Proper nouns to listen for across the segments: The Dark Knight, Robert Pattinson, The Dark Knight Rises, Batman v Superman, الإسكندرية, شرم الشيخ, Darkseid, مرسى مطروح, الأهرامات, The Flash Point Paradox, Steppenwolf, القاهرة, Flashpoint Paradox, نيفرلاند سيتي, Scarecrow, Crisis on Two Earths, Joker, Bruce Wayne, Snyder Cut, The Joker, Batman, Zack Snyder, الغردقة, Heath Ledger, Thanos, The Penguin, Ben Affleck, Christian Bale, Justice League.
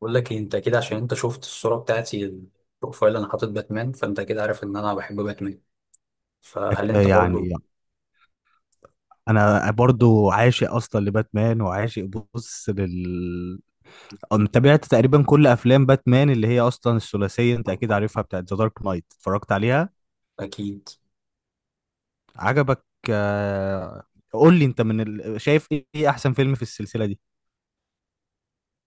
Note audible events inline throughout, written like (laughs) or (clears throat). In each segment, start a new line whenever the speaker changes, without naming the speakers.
بقول لك إيه، انت كده عشان انت شفت الصورة بتاعتي، البروفايل. انا حاطط باتمان، فانت كده عارف ان انا بحب باتمان. فهل
أك-
انت
يعني
برضو؟
انا برضو عاشق اصلا لباتمان وعاشق. بص لل أنا تابعت تقريبا كل افلام باتمان اللي هي اصلا الثلاثيه، انت اكيد عارفها، بتاعت ذا دارك نايت. اتفرجت عليها،
اكيد.
عجبك؟ آه، قول لي انت شايف ايه احسن فيلم في السلسله دي؟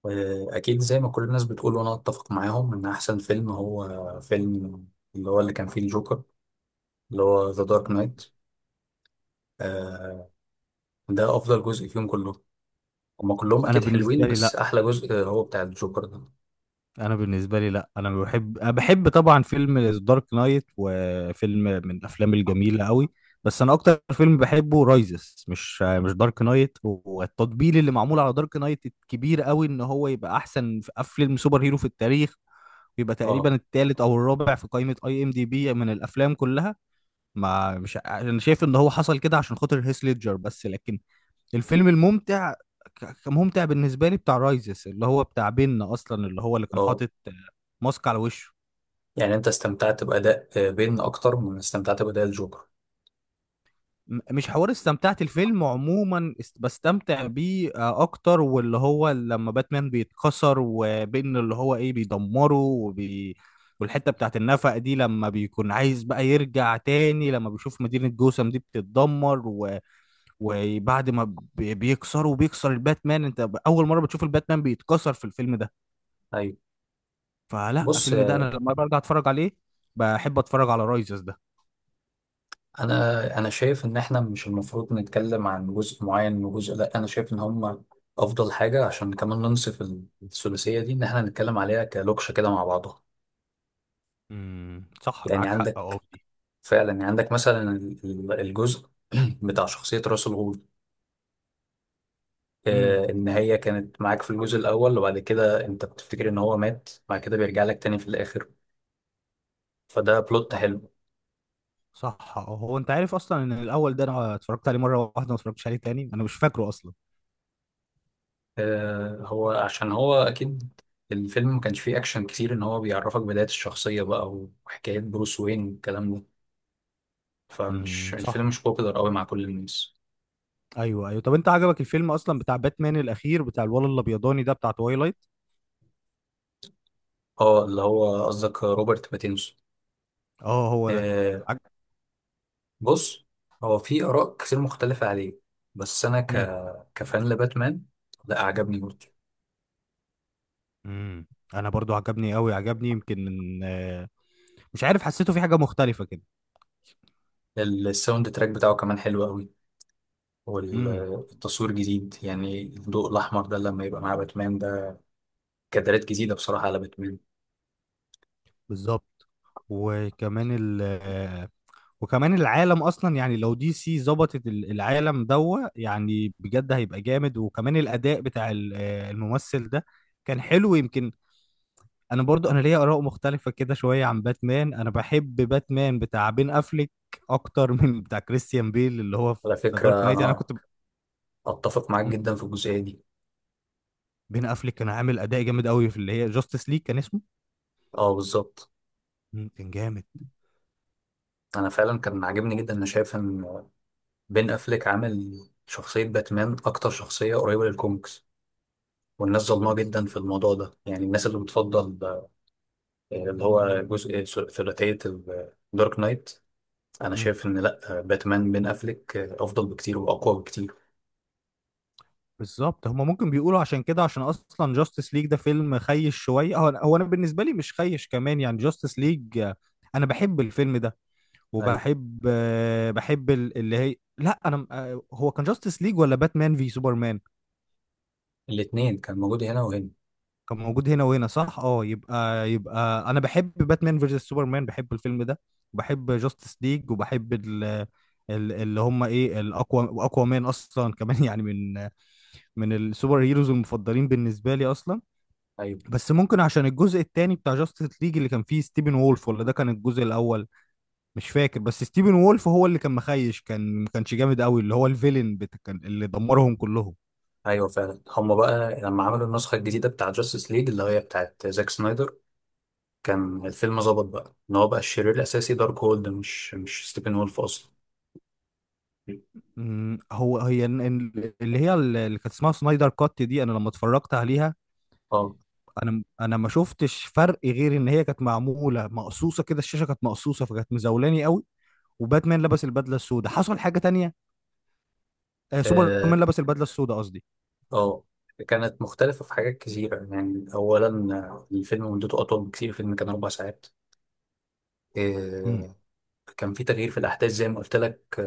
آه، اكيد زي ما كل الناس بتقول، وانا اتفق معاهم ان احسن فيلم هو فيلم اللي هو اللي كان فيه الجوكر، اللي هو ذا دارك نايت. ده افضل جزء فيهم كلهم. هما كلهم
انا
اكيد حلوين،
بالنسبه لي
بس
لا
احلى جزء هو بتاع الجوكر ده.
انا بالنسبه لي لا، انا بحب، أنا بحب طبعا فيلم دارك نايت، وفيلم من الافلام الجميله قوي، بس انا اكتر فيلم بحبه رايزس، مش دارك نايت. والتطبيل اللي معمول على دارك نايت الكبير قوي ان هو يبقى احسن في فيلم سوبر هيرو في التاريخ، ويبقى
اه.
تقريبا الثالث او الرابع في قائمه اي ام دي بي من الافلام كلها. ما مش ع- انا شايف ان هو حصل كده عشان خاطر هيث ليدجر بس، لكن الفيلم الممتع كممتع بالنسبه لي بتاع رايزس، اللي هو بتاع بين اصلا، اللي هو اللي كان
اه،
حاطط ماسك على وشه.
يعني انت استمتعت باداء بين اكتر من استمتعت باداء الجوكر؟
مش حوار استمتعت، الفيلم عموما بستمتع بيه اكتر، واللي هو لما باتمان بيتكسر، وبين اللي هو ايه بيدمره والحته بتاعت النفق دي، لما بيكون عايز بقى يرجع تاني، لما بيشوف مدينه جوثام دي بتتدمر وبعد ما بيكسره، بيكسر الباتمان. انت اول مره بتشوف الباتمان بيتكسر في الفيلم ده،
ايوه.
فلا
بص،
الفيلم ده انا لما برجع اتفرج عليه بحب اتفرج على رايزز ده.
انا شايف ان احنا مش المفروض نتكلم عن جزء معين وجزء لا، انا شايف ان هم افضل حاجه عشان كمان ننصف الثلاثيه دي، ان احنا نتكلم عليها كلوكشه كده مع بعضها.
صح،
يعني
معاك حق اه
عندك
في دي.
فعلا، يعني عندك مثلا الجزء (clears throat) بتاع شخصيه راس الغول،
امم
ان هي كانت معاك في الجزء الاول، وبعد كده انت بتفتكر ان هو مات، بعد كده بيرجع لك تاني في الاخر. فده بلوت
اه
حلو.
صح اه، هو انت عارف اصلا ان الاول ده انا اتفرجت عليه مره واحده، ما اتفرجتش عليه تاني، انا مش فاكره اصلا.
آه، هو عشان هو اكيد الفيلم ما كانش فيه اكشن كتير، ان هو بيعرفك بداية الشخصية بقى وحكايات بروس وين والكلام ده. فمش
صح.
الفيلم مش بوبيلر قوي مع كل الناس.
ايوه ايوه، طب انت عجبك الفيلم اصلا بتاع باتمان الاخير، بتاع الولد الابيضاني ده بتاع تويلايت؟
اه. اللي هو قصدك روبرت باتينسون؟
اه هو ده.
آه.
عج...
بص، هو في اراء كتير مختلفة عليه، بس انا
مم.
كفان لباتمان. لا، عجبني برضه.
امم انا برضو عجبني قوي، عجبني يمكن من مش عارف، حسيته في حاجه مختلفه كده.
الساوند تراك بتاعه كمان حلو قوي،
امم
والتصوير جديد، يعني الضوء الاحمر ده لما يبقى مع باتمان ده، كادرات جديدة بصراحة على باتمان.
بالظبط. وكمان ال وكمان العالم اصلا، يعني لو دي سي ظبطت العالم دوا يعني، بجد هيبقى جامد. وكمان الاداء بتاع الممثل ده كان حلو يمكن. انا برضو، انا ليا اراء مختلفة كده شوية عن باتمان، انا بحب باتمان بتاع بين افليك اكتر (laughs) من بتاع كريستيان بيل اللي هو
على
في دارك
فكرة
نايت، يعني انا
أنا اتفق معاك
مم.
جدا في الجزئيه دي.
بين افليك كان عامل اداء جامد قوي في اللي هي جاستس ليج كان اسمه.
اه، بالظبط.
مم، كان
انا فعلا كان عاجبني جدا. انا شايف ان بين افليك عامل شخصيه باتمان اكتر شخصيه قريبه للكوميكس، والناس ظلمها
جامد.
جدا في الموضوع ده. يعني الناس اللي بتفضل اللي هو جزء ثلاثيه الدارك نايت. انا شايف ان لا، باتمان بين افليك افضل بكتير واقوى بكتير.
بالظبط، هما ممكن بيقولوا عشان كده، عشان اصلا جاستس ليج ده فيلم خيش شويه، هو انا بالنسبه لي مش خيش كمان يعني جاستس ليج، انا بحب الفيلم ده.
ايوه.
وبحب بحب اللي هي، لا انا هو كان جاستس ليج ولا باتمان في سوبرمان؟
الاثنين كان موجود هنا وهنا.
كان موجود هنا وهنا، صح اه. يبقى انا بحب باتمان فيرسس سوبرمان، بحب الفيلم ده، وبحب جاستس ليج، وبحب اللي هم ايه، الاقوى، اقوى مان اصلا كمان (laughs) يعني من من السوبر هيروز المفضلين بالنسبه لي اصلا.
ايوه،
بس ممكن عشان الجزء التاني بتاع جاستس ليج اللي كان فيه ستيفن وولف، ولا ده كان الجزء الاول؟ مش فاكر، بس ستيفن وولف هو اللي كان مخيش، كان ما كانش جامد قوي، اللي هو كان اللي دمرهم كلهم.
ايوه. فعلا هم بقى لما عملوا النسخه الجديده بتاع جاستس ليج اللي هي بتاعت زاك سنايدر، كان الفيلم ظبط بقى ان هو بقى الشرير الاساسي دارك هولد، مش ستيفن وولف اصلا.
أمم، هو هي ال- ال- اللي هي ال- اللي كانت اسمها سنايدر كات دي، انا لما اتفرجت عليها
اه،
انا ما شفتش فرق غير ان هي كانت معموله مقصوصه كده، الشاشه كانت مقصوصه، فكانت مزولاني قوي. وباتمان لبس البدله السوداء، حصل حاجه تانية، آه
اه.
سوبرمان لبس البدله السوداء قصدي.
آه. كانت مختلفة في حاجات كثيرة. يعني أولا الفيلم مدته أطول بكثير، الفيلم كان 4 ساعات.
أمم،
آه، كان في تغيير في الأحداث زي ما قلت لك.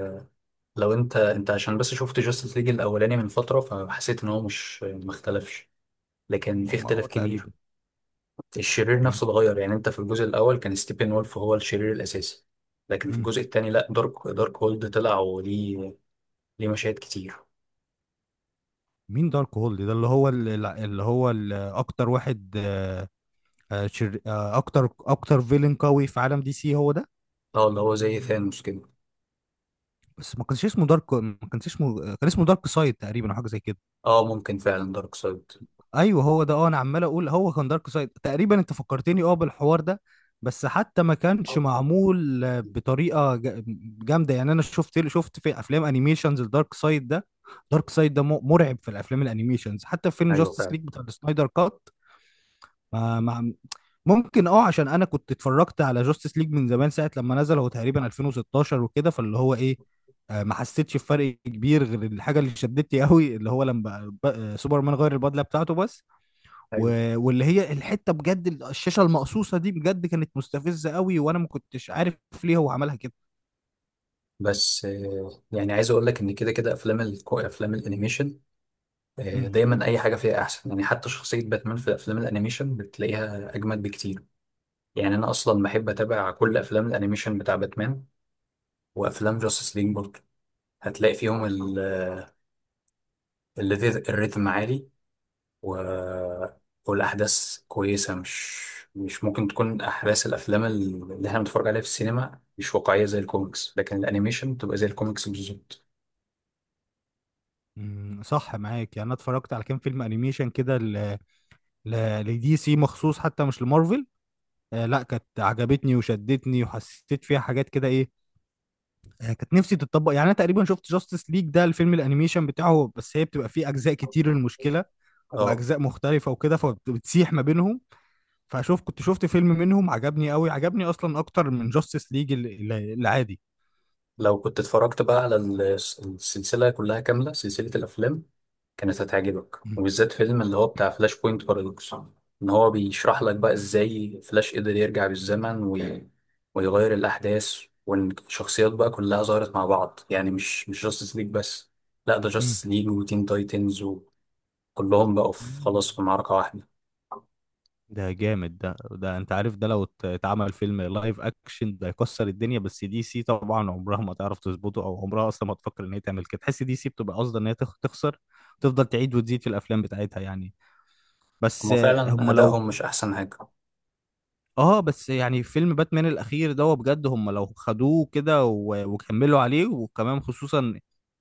لو أنت عشان بس شفت جاستس ليج الأولاني من فترة، فحسيت إن هو مش، ما اختلفش، لكن في اختلاف كبير.
تقريبا.
الشرير
أمم،
نفسه اتغير. يعني أنت في الجزء الأول كان ستيفن وولف هو الشرير الأساسي، لكن في
أمم.
الجزء الثاني لا، دارك هولد طلع، وليه مشاهد كتير.
مين دارك هولد ده؟ اللي هو اكتر واحد آه، آه، شر... آه، اكتر فيلن قوي في عالم دي سي هو ده.
اه. اللي هو زي ثانوس كده.
بس ما كانش اسمه دارك، ما كانش اسمه، كان اسمه دارك سايد تقريبا، او حاجه زي كده.
اه، ممكن فعلا دارك سايد.
ايوه هو ده، اه، انا عمال اقول هو كان دارك سايد تقريبا، انت فكرتني اه بالحوار ده. بس حتى ما كانش معمول بطريقه جامده يعني. انا شفت في افلام انيميشنز الدارك سايد ده، دارك سايد ده مرعب في الافلام الانيميشنز، حتى في فيلم
ايوه
جاستس
فعلا.
ليج بتاع السنايدر كات. ما ما ممكن اه، عشان انا كنت اتفرجت على جاستس ليج من زمان ساعه لما نزل، هو تقريبا 2016 وكده، فاللي هو ايه، ما حسيتش بفرق كبير غير الحاجه اللي شدتني قوي، اللي هو لما سوبرمان غير البدله بتاعته بس.
ايوه.
واللي هي الحته بجد، الشاشه المقصوصه دي بجد كانت مستفزه قوي، وانا ما كنتش عارف ليه هو عملها كده.
بس يعني عايز اقول لك ان كده كده افلام الانيميشن
مم.
دايما اي حاجه فيها احسن. يعني حتى شخصيه باتمان في الافلام الانيميشن بتلاقيها اجمد بكتير. يعني انا اصلا بحب اتابع كل افلام الانيميشن بتاع باتمان وافلام جاستس ليج برضه. هتلاقي فيهم الريتم عالي، و... والأحداث كويسة. مش ممكن تكون أحداث الأفلام اللي احنا بنتفرج عليها في السينما مش واقعية زي الكوميكس، لكن الأنيميشن بتبقى زي الكوميكس بالظبط.
مم، صح معاك. يعني انا اتفرجت على كام فيلم انيميشن كده لدي سي مخصوص، حتى مش لمارفل. لا، كانت عجبتني وشدتني وحسيت فيها حاجات كده ايه، يعني كانت نفسي تتطبق. يعني انا تقريبا شفت جاستس ليج ده الفيلم الانيميشن بتاعه بس، هي بتبقى فيه اجزاء كتير المشكله،
اه،
واجزاء مختلفه وكده، فبتسيح ما بينهم. فشوف، كنت شفت فيلم منهم عجبني قوي، عجبني اصلا اكتر من جاستس ليج العادي.
لو كنت اتفرجت بقى على السلسلة كلها كاملة، سلسلة الأفلام، كانت هتعجبك،
م-
وبالذات فيلم اللي هو بتاع فلاش بوينت بارادوكس. إن هو بيشرح لك بقى إزاي فلاش قدر يرجع بالزمن ويغير الأحداث، وإن الشخصيات بقى كلها ظهرت مع بعض، يعني مش جاستس ليج بس، لا، ده
م-
جاستس ليج وتين تايتنز، وكلهم بقوا في،
مم.
خلاص، في معركة واحدة.
ده جامد، ده انت عارف ده لو اتعمل فيلم لايف اكشن ده هيكسر الدنيا. بس دي سي طبعا عمرها ما تعرف تظبطه، او عمرها اصلا ما تفكر ان هي تعمل كده، تحس دي سي بتبقى قاصده ان هي تخسر، تفضل تعيد وتزيد في الافلام بتاعتها يعني. بس
هما فعلا
هم لو،
أدائهم مش أحسن حاجة.
اه بس يعني فيلم باتمان الاخير ده هو بجد، هم لو خدوه كده وكملوا عليه، وكمان خصوصا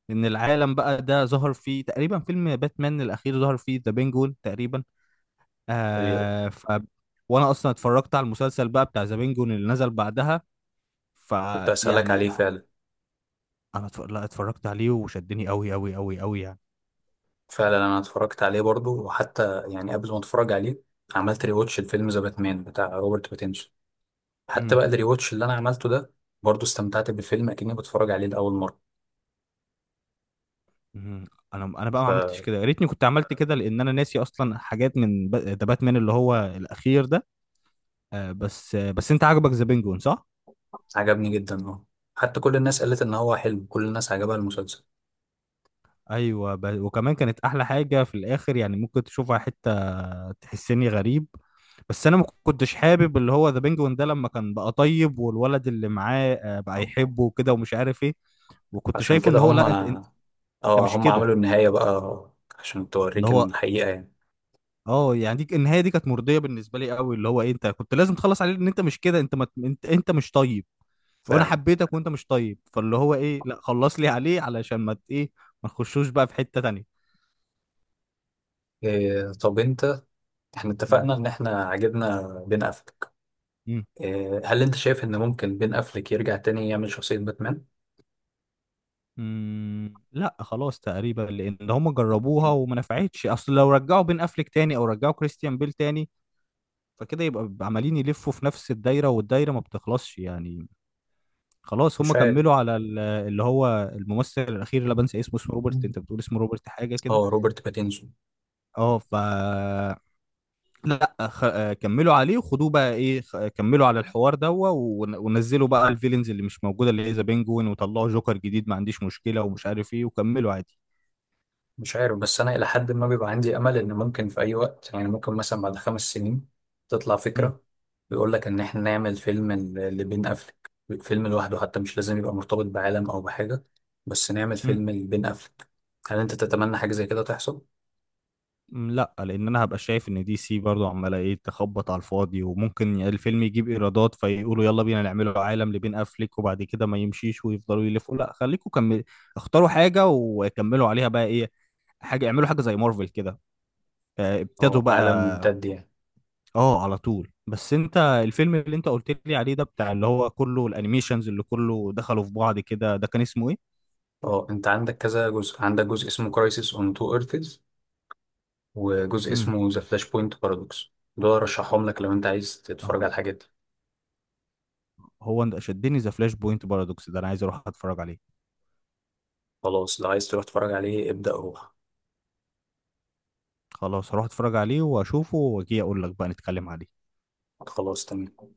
ان العالم بقى ده ظهر فيه، تقريبا فيلم باتمان الاخير ظهر فيه ذا بينجون تقريبا.
إيه،
آه ف وانا اصلا اتفرجت على المسلسل بقى بتاع ذا بينجون اللي نزل بعدها،
كنت أسألك
فيعني
عليه فعلا.
لا اتفرجت عليه وشدني قوي قوي قوي قوي يعني.
فعلا انا اتفرجت عليه برضو، وحتى يعني قبل ما اتفرج عليه عملت ريواتش الفيلم ذا باتمان بتاع روبرت باتينسون. حتى
امم
بقى الريواتش اللي انا عملته ده، برضو استمتعت بالفيلم اكني بتفرج عليه لاول مره،
امم. انا بقى ما عملتش
فعجبني
كده، يا ريتني كنت عملت كده، لان انا ناسي اصلا حاجات من ذا باتمان اللي هو الاخير ده. بس انت عاجبك ذا بينجون صح؟
جدا. اه، حتى كل الناس قالت ان هو حلو، كل الناس عجبها المسلسل.
وكمان كانت احلى حاجه في الاخر، يعني ممكن تشوفها حته تحسني غريب، بس انا ما كنتش حابب اللي هو ذا بينجوين ده لما كان بقى طيب، والولد اللي معاه بقى يحبه وكده ومش عارف ايه. وكنت
عشان
شايفه ان
كده
هو
هم.
لا، انت
اه،
مش
هم
كده.
عملوا النهايه بقى عشان
اللي
توريك إن
هو
الحقيقه يعني.
اه، يعني دي النهايه دي كانت مرضيه بالنسبه لي قوي، اللي هو إيه، انت كنت لازم تخلص عليه، ان انت مش كده، انت ما... انت انت مش طيب، وانا
فعلا.
حبيتك وانت مش طيب، فاللي هو ايه، لا خلص لي عليه علشان ما ت- ايه، ما نخشوش بقى في حته تانيه.
إيه، طب انت، احنا اتفقنا ان احنا عجبنا بين افلك.
مم.
إيه، هل انت شايف ان ممكن بين افلك يرجع تاني يعمل شخصيه باتمان؟
لا خلاص تقريبا، لان هم جربوها وما نفعتش. اصل لو رجعوا بين افليك تاني او رجعوا كريستيان بيل تاني، فكده يبقى، بيبقى عمالين يلفوا في نفس الدايره، والدايره ما بتخلصش يعني. خلاص هم
مش عارف.
كملوا على اللي هو الممثل الاخير اللي بنسى اسمه، اسمه روبرت، انت بتقول اسمه روبرت حاجه كده.
اه، روبرت باتينسون.
اه ف، لا خ... آه، كملوا عليه وخدوه بقى ايه، خ... آه، كملوا على الحوار ده ونزلوا بقى الفيلنز اللي مش موجوده، اللي هي ذا بينجوين، وطلعوا جوكر جديد ما عنديش مشكله ومش عارف ايه، وكملوا عادي.
مش عارف، بس انا الى حد ما بيبقى عندي امل ان ممكن في اي وقت، يعني ممكن مثلا بعد 5 سنين تطلع فكره بيقول لك ان احنا نعمل فيلم لبين افلك، فيلم لوحده، حتى مش لازم يبقى مرتبط بعالم او بحاجه، بس نعمل
مم.
فيلم لبين افلك. هل انت تتمنى حاجه زي كده تحصل؟
م، لا، لان انا هبقى شايف ان دي سي برضو عماله ايه، تخبط على الفاضي، وممكن الفيلم يجيب ايرادات فيقولوا يلا بينا نعمله عالم لبين افليك، وبعد كده ما يمشيش ويفضلوا يلفوا. لا خليكم كمل، اختاروا حاجه وكملوا عليها بقى ايه، حاجه اعملوا حاجه زي مارفل كده، ابتدوا
اه،
بقى.
عالم ممتد يعني.
اه على طول. بس انت الفيلم اللي انت قلت لي عليه ده بتاع اللي هو كله الانيميشنز اللي كله دخلوا في بعض كده ده، كان اسمه ايه؟
اه، انت عندك كذا جزء، عندك جزء اسمه كرايسيس اون تو ايرثز، وجزء
امم
اسمه ذا فلاش بوينت بارادوكس. دول رشحهم لك لو انت عايز
اهو
تتفرج على
ده،
الحاجات دي.
هو ده شدني، ذا فلاش بوينت بارادوكس ده انا عايز اروح اتفرج عليه.
خلاص، لو عايز تروح تتفرج عليه ابدأ، روح.
خلاص هروح اتفرج عليه واشوفه واجي اقول لك بقى نتكلم عليه.
خلاص تمام.